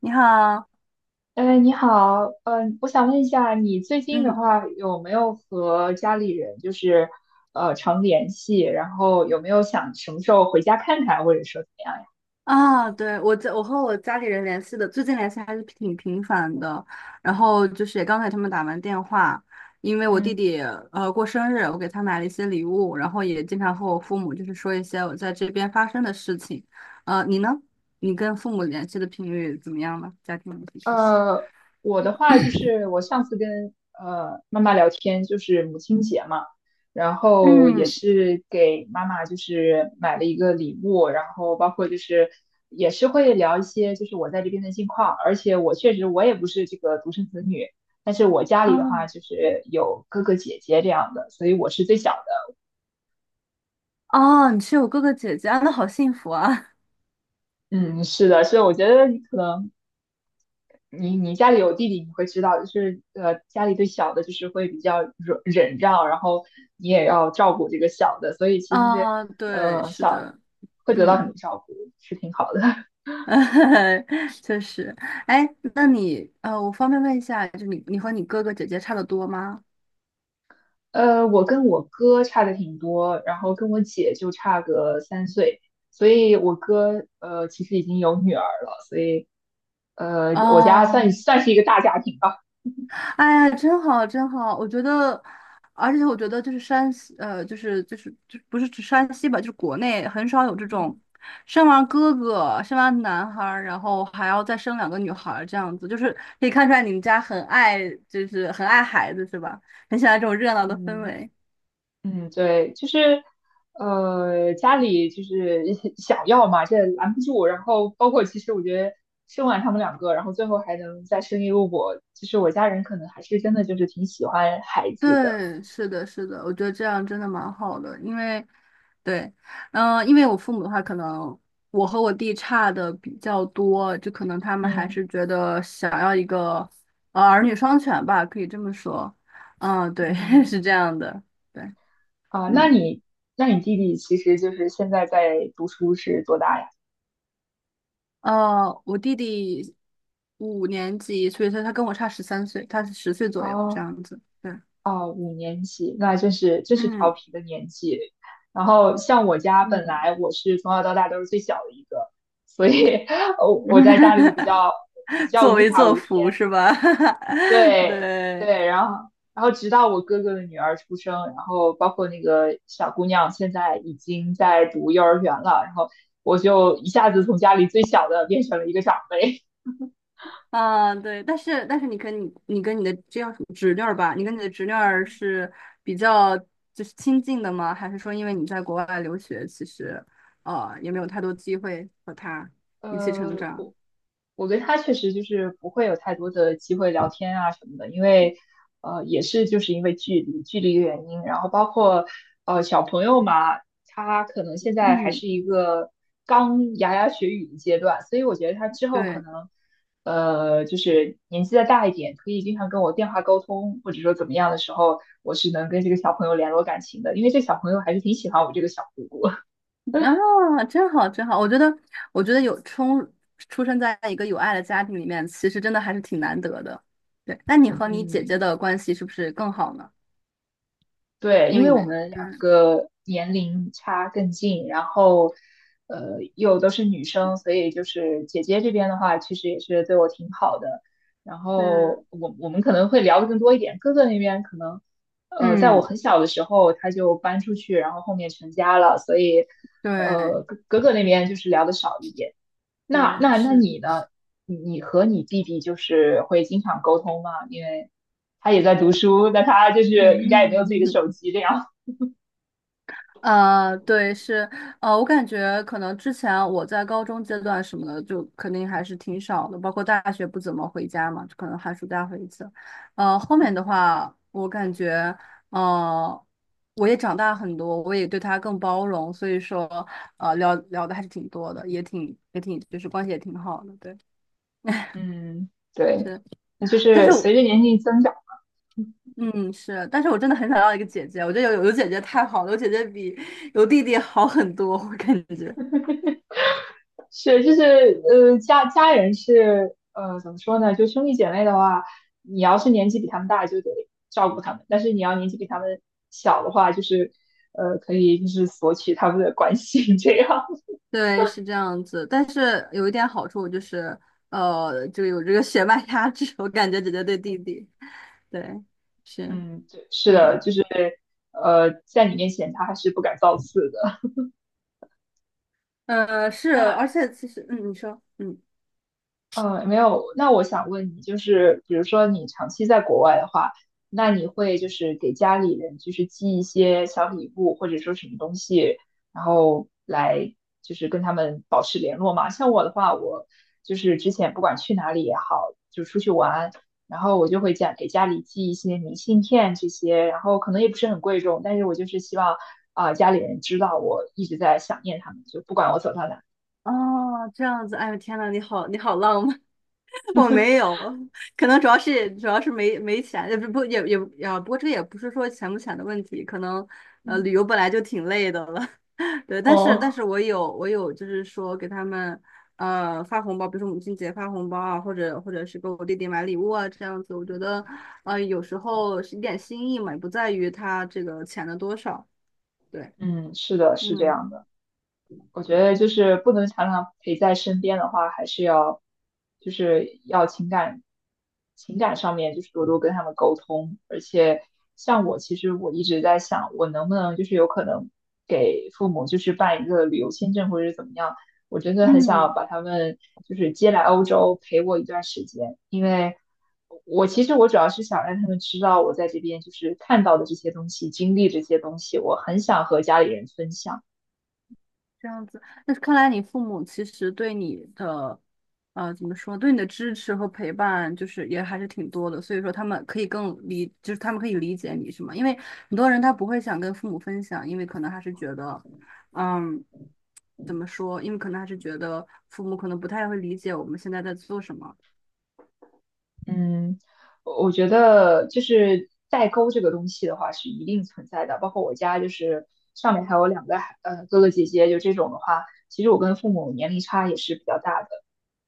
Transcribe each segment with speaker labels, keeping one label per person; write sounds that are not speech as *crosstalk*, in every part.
Speaker 1: 你好，
Speaker 2: 哎，你好。嗯、我想问一下，你最近的
Speaker 1: 嗯，
Speaker 2: 话有没有和家里人就是常联系？然后有没有想什么时候回家看看，或者说怎么样呀？
Speaker 1: 啊，对，我和我家里人联系的，最近联系还是挺频繁的。然后就是也刚才他们打完电话，因为我弟
Speaker 2: 嗯。
Speaker 1: 弟过生日，我给他买了一些礼物，然后也经常和我父母就是说一些我在这边发生的事情。你呢？你跟父母联系的频率怎么样呢？家庭联系频率？
Speaker 2: 呃，我的话就是我上次跟妈妈聊天，就是母亲节嘛，然后也
Speaker 1: 嗯，
Speaker 2: 是给妈妈就是买了一个礼物，然后包括就是也是会聊一些就是我在这边的近况，而且我确实也不是这个独生子女，但是我家里的话
Speaker 1: 啊，
Speaker 2: 就是有哥哥姐姐这样的，所以我是最小的。
Speaker 1: 哦，你是有哥哥姐姐啊，那好幸福啊！
Speaker 2: 嗯，是的，所以我觉得你可能你家里有弟弟，你会知道，就是家里对小的就是会比较忍让，然后你也要照顾这个小的，所以
Speaker 1: *laughs*
Speaker 2: 其实是
Speaker 1: 啊，对，是
Speaker 2: 小
Speaker 1: 的，
Speaker 2: 会得到
Speaker 1: 嗯。
Speaker 2: 很多照顾，是挺好的。*laughs*
Speaker 1: *laughs* 确实，哎，那你我方便问一下，就你和你哥哥姐姐差的多吗？
Speaker 2: 我跟我哥差的挺多，然后跟我姐就差个3岁，所以我哥其实已经有女儿了，所以我家算
Speaker 1: 哦，
Speaker 2: 算是一个大家庭吧。
Speaker 1: 哎呀，真好，真好，我觉得，而且我觉得就是山西，就不是指山西吧，就是国内很少有这种
Speaker 2: 嗯，
Speaker 1: 生完哥哥，生完男孩儿，然后还要再生两个女孩儿这样子，就是可以看出来你们家很爱，就是很爱孩子是吧？很喜欢这种热闹的氛
Speaker 2: 嗯。
Speaker 1: 围。
Speaker 2: 嗯，对，就是，家里就是 *laughs* 想要嘛，这拦不住。然后包括其实我觉得生完他们两个，然后最后还能再生1个我，就是我家人可能还是真的就是挺喜欢孩子的。
Speaker 1: 对，是的，是的，我觉得这样真的蛮好的，因为，对，嗯，因为我父母的话，可能我和我弟差的比较多，就可能他们还
Speaker 2: 嗯。
Speaker 1: 是觉得想要一个儿女双全吧，可以这么说，嗯，对，*laughs*
Speaker 2: 嗯，
Speaker 1: 是这样的，对，
Speaker 2: 啊，那
Speaker 1: 嗯，
Speaker 2: 你那你弟弟其实就是现在在读书是多大呀？
Speaker 1: 我弟弟五年级，所以说他跟我差13岁，他是10岁左右这
Speaker 2: 哦，
Speaker 1: 样子，对，
Speaker 2: 哦，5年级，那真是调
Speaker 1: 嗯
Speaker 2: 皮的年纪。然后像我家本
Speaker 1: 嗯，
Speaker 2: 来我是从小到大都是最小的一个，所以 *laughs* 我在家里比
Speaker 1: *laughs*
Speaker 2: 较比
Speaker 1: *laughs*
Speaker 2: 较
Speaker 1: 作
Speaker 2: 无
Speaker 1: 威
Speaker 2: 法
Speaker 1: 作
Speaker 2: 无
Speaker 1: 福
Speaker 2: 天。
Speaker 1: 是吧？*laughs*
Speaker 2: 对，
Speaker 1: 对，
Speaker 2: 对，然后直到我哥哥的女儿出生，然后包括那个小姑娘现在已经在读幼儿园了，然后我就一下子从家里最小的变成了1个长辈。
Speaker 1: 啊，对，但是你跟你的这样侄女儿吧？你跟你的侄女儿
Speaker 2: *laughs*
Speaker 1: 是比较就是亲近的吗？还是说因为你在国外留学，其实也没有太多机会和她
Speaker 2: 嗯，
Speaker 1: 一起成
Speaker 2: 呃，
Speaker 1: 长？
Speaker 2: 我。我跟他确实就是不会有太多的机会聊天啊什么的，因为也是就是因为距离的原因，然后包括小朋友嘛，他可能现在还
Speaker 1: 嗯，
Speaker 2: 是一个刚牙牙学语的阶段，所以我觉得他之后可
Speaker 1: 对，
Speaker 2: 能就是年纪再大一点，可以经常跟我电话沟通，或者说怎么样的时候，我是能跟这个小朋友联络感情的，因为这小朋友还是挺喜欢我这个小姑姑。
Speaker 1: 啊，真好真好，我觉得出生在一个有爱的家庭里面，其实真的还是挺难得的。对，那你
Speaker 2: *laughs*
Speaker 1: 和你姐姐
Speaker 2: 嗯。
Speaker 1: 的关系是不是更好呢？
Speaker 2: 对，
Speaker 1: 因
Speaker 2: 因
Speaker 1: 为你
Speaker 2: 为我
Speaker 1: 们
Speaker 2: 们
Speaker 1: 对。
Speaker 2: 两个年龄差更近，然后又都是女生，所以就是姐姐这边的话，其实也是对我挺好的。然
Speaker 1: 是，
Speaker 2: 后我们可能会聊的更多一点，哥哥那边可能在我
Speaker 1: 嗯，
Speaker 2: 很小的时候他就搬出去，然后后面成家了，所以
Speaker 1: 对
Speaker 2: 哥哥那边就是聊的少一点。那
Speaker 1: 对
Speaker 2: 那那
Speaker 1: 是，
Speaker 2: 你呢？你和你弟弟就是会经常沟通吗？因为他也在读书，那他就是应该也没有自己的
Speaker 1: 嗯，
Speaker 2: 手
Speaker 1: *laughs*
Speaker 2: 机这样。
Speaker 1: 啊，对是，我感觉可能之前我在高中阶段什么的，就肯定还是挺少的，包括大学不怎么回家嘛，就可能寒暑假回一次。后面的
Speaker 2: 嗯。*laughs*
Speaker 1: 话，我感觉，呃，我也长大很多，我也对他更包容，所以说，聊聊的还是挺多的，也挺也挺，就是关系也挺好的，对。*laughs*
Speaker 2: 嗯，对，
Speaker 1: 是，
Speaker 2: 那就
Speaker 1: 但
Speaker 2: 是
Speaker 1: 是我
Speaker 2: 随着年龄增长，
Speaker 1: 嗯，是，但是我真的很想要一个姐姐，我觉得有姐姐太好了，有姐姐比有弟弟好很多，我感觉。
Speaker 2: 是就是家人是怎么说呢？就兄弟姐妹的话，你要是年纪比他们大，就得照顾他们；但是你要年纪比他们小的话，就是可以就是索取他们的关心这样。
Speaker 1: 对，是这样子，但是有一点好处就是，就有这个血脉压制，我感觉姐姐对弟弟，对，是，
Speaker 2: 嗯，对，是的，
Speaker 1: 嗯，
Speaker 2: 就是在你面前他还是不敢造次的。
Speaker 1: 是，
Speaker 2: 那
Speaker 1: 而且其实，嗯，你说，嗯。
Speaker 2: 没有。那我想问你，就是比如说你长期在国外的话，那你会就是给家里人就是寄1些小礼物，或者说什么东西，然后来就是跟他们保持联络吗？像我的话，我就是之前不管去哪里也好，就出去玩，然后我就会家给家里寄一些明信片这些，然后可能也不是很贵重，但是我就是希望啊，家里人知道我一直在想念他们，就不管我走到哪。
Speaker 1: 哦，这样子，哎呦天呐，你好，你好浪漫，*laughs* 我没
Speaker 2: *laughs*
Speaker 1: 有，可能主要是没钱，也不不也也啊，不过这个也不是说钱不钱的问题，可能旅
Speaker 2: 嗯，
Speaker 1: 游本来就挺累的了，*laughs* 对，但
Speaker 2: 哦。
Speaker 1: 是我有就是说给他们发红包，比如说母亲节发红包啊，或者是给我弟弟买礼物啊，这样子，我觉得有时候是一点心意嘛，也不在于他这个钱的多少，对，
Speaker 2: 嗯，是的，是这
Speaker 1: 嗯
Speaker 2: 样的。我觉得就是不能常常陪在身边的话，还是要就是要情感上面就是多多跟他们沟通，而且像我其实我一直在想，我能不能就是有可能给父母就是办1个旅游签证或者是怎么样，我真的很想
Speaker 1: 嗯。
Speaker 2: 把他们就是接来欧洲陪我1段时间，因为我其实我主要是想让他们知道我在这边就是看到的这些东西，经历这些东西，我很想和家里人分享。
Speaker 1: 这样子，那看来你父母其实对你的，怎么说，对你的支持和陪伴，就是也还是挺多的。所以说，他们可以更理，就是他们可以理解你，是吗？因为很多人他不会想跟父母分享，因为可能还是觉得，嗯，怎么说？因为可能还是觉得父母可能不太会理解我们现在在做什么。
Speaker 2: 嗯，我觉得就是代沟这个东西的话是一定存在的，包括我家就是上面还有两个哥哥姐姐，就这种的话，其实我跟父母年龄差也是比较大的。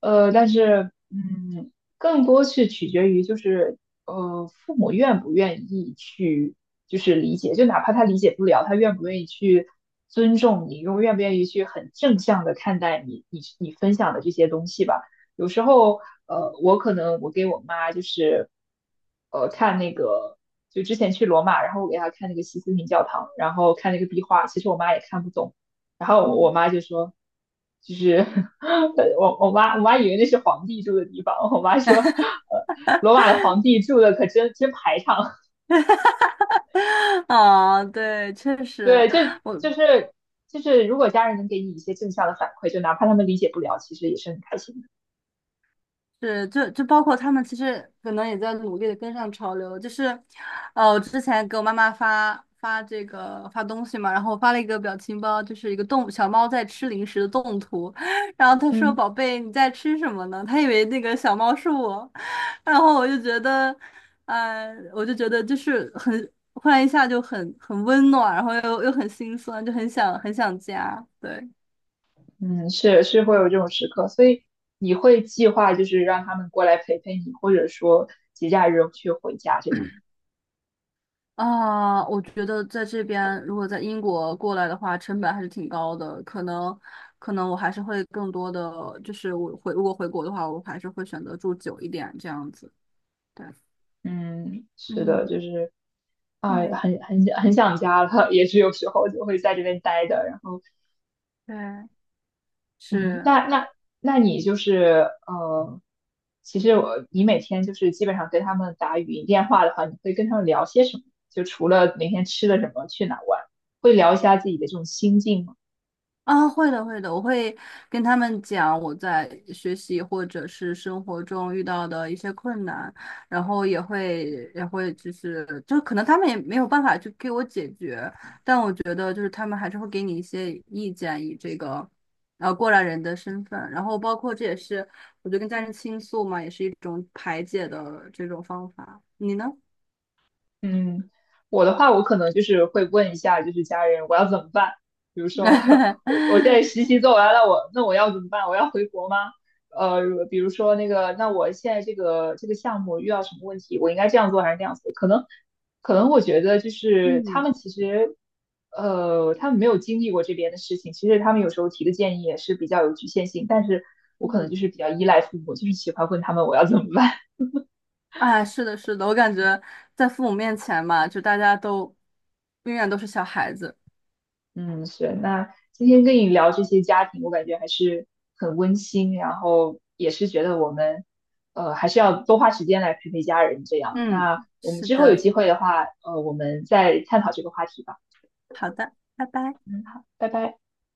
Speaker 2: 但是，嗯，更多是取决于就是，父母愿不愿意去，就是理解，就哪怕他理解不了，他愿不愿意去尊重你，又愿不愿意去很正向的看待你，你分享的这些东西吧。有时候，我可能我给我妈就是，看那个，就之前去罗马，然后我给她看那个西斯廷教堂，然后看那个壁画，其实我妈也看不懂，然后我妈就说，就是。*laughs* 我妈以为那是皇帝住的地方，我妈说，罗马的皇帝住的可真排场。
Speaker 1: *laughs* 啊，对，确实，
Speaker 2: 对，这就是就是如果家人能给你一些正向的反馈，就哪怕他们理解不了，其实也是很开心的。
Speaker 1: 是，就包括他们其实可能也在努力的跟上潮流，就是，我之前给我妈妈发发这个发东西嘛，然后我发了一个表情包，就是一个动小猫在吃零食的动图，*laughs* 然后她说：
Speaker 2: 嗯，
Speaker 1: “宝贝，你在吃什么呢？”她以为那个小猫是我，然后我就觉得，嗯，我就觉得就是很，忽然一下就很温暖，然后又很心酸，就很想很想家，对。
Speaker 2: 嗯，是会有这种时刻，所以你会计划就是让他们过来陪陪你，或者说节假日去回家这样。
Speaker 1: 啊，我觉得在这边，如果在英国过来的话，成本还是挺高的。可能，可能我还是会更多的，就是我回，如果回国的话，我还是会选择住久一点这样子。对，
Speaker 2: 嗯，是的，
Speaker 1: 嗯
Speaker 2: 就是啊，
Speaker 1: 嗯，
Speaker 2: 很想家了，*laughs* 也是有时候就会在这边待着，然后。
Speaker 1: 对，
Speaker 2: 嗯，
Speaker 1: 是。
Speaker 2: 那你就是其实我你每天就是基本上跟他们打语音电话的话，你会跟他们聊些什么？就除了每天吃了什么，去哪儿玩，会聊一下自己的这种心境吗？
Speaker 1: 啊，会的，会的，我会跟他们讲我在学习或者是生活中遇到的一些困难，然后也会就是就可能他们也没有办法去给我解决，但我觉得就是他们还是会给你一些意见，以这个过来人的身份，然后包括这也是我觉得跟家人倾诉嘛，也是一种排解的这种方法。你呢？
Speaker 2: 嗯，我的话，我可能就是会问一下，就是家人我要怎么办？比如说，*laughs* 我现在
Speaker 1: *laughs*
Speaker 2: 实习做完了，我那我要怎么办？我要回国吗？呃，比如说那个，那我现在这个项目遇到什么问题，我应该这样做还是那样做？可能我觉得就是他
Speaker 1: 嗯
Speaker 2: 们其实，他们没有经历过这边的事情，其实他们有时候提的建议也是比较有局限性，但是我可能就
Speaker 1: 嗯
Speaker 2: 是比较依赖父母，就是喜欢问他们我要怎么办。
Speaker 1: 哎，是的，是的，我感觉在父母面前嘛，就大家都永远都是小孩子。
Speaker 2: 嗯，是。那今天跟你聊这些家庭，我感觉还是很温馨，然后也是觉得我们，还是要多花时间来陪陪家人这样。
Speaker 1: 嗯，
Speaker 2: 那我们
Speaker 1: 是
Speaker 2: 之后有
Speaker 1: 的，
Speaker 2: 机会的话，我们再探讨这个话题吧。
Speaker 1: 好的，拜拜。
Speaker 2: 嗯，好，拜拜。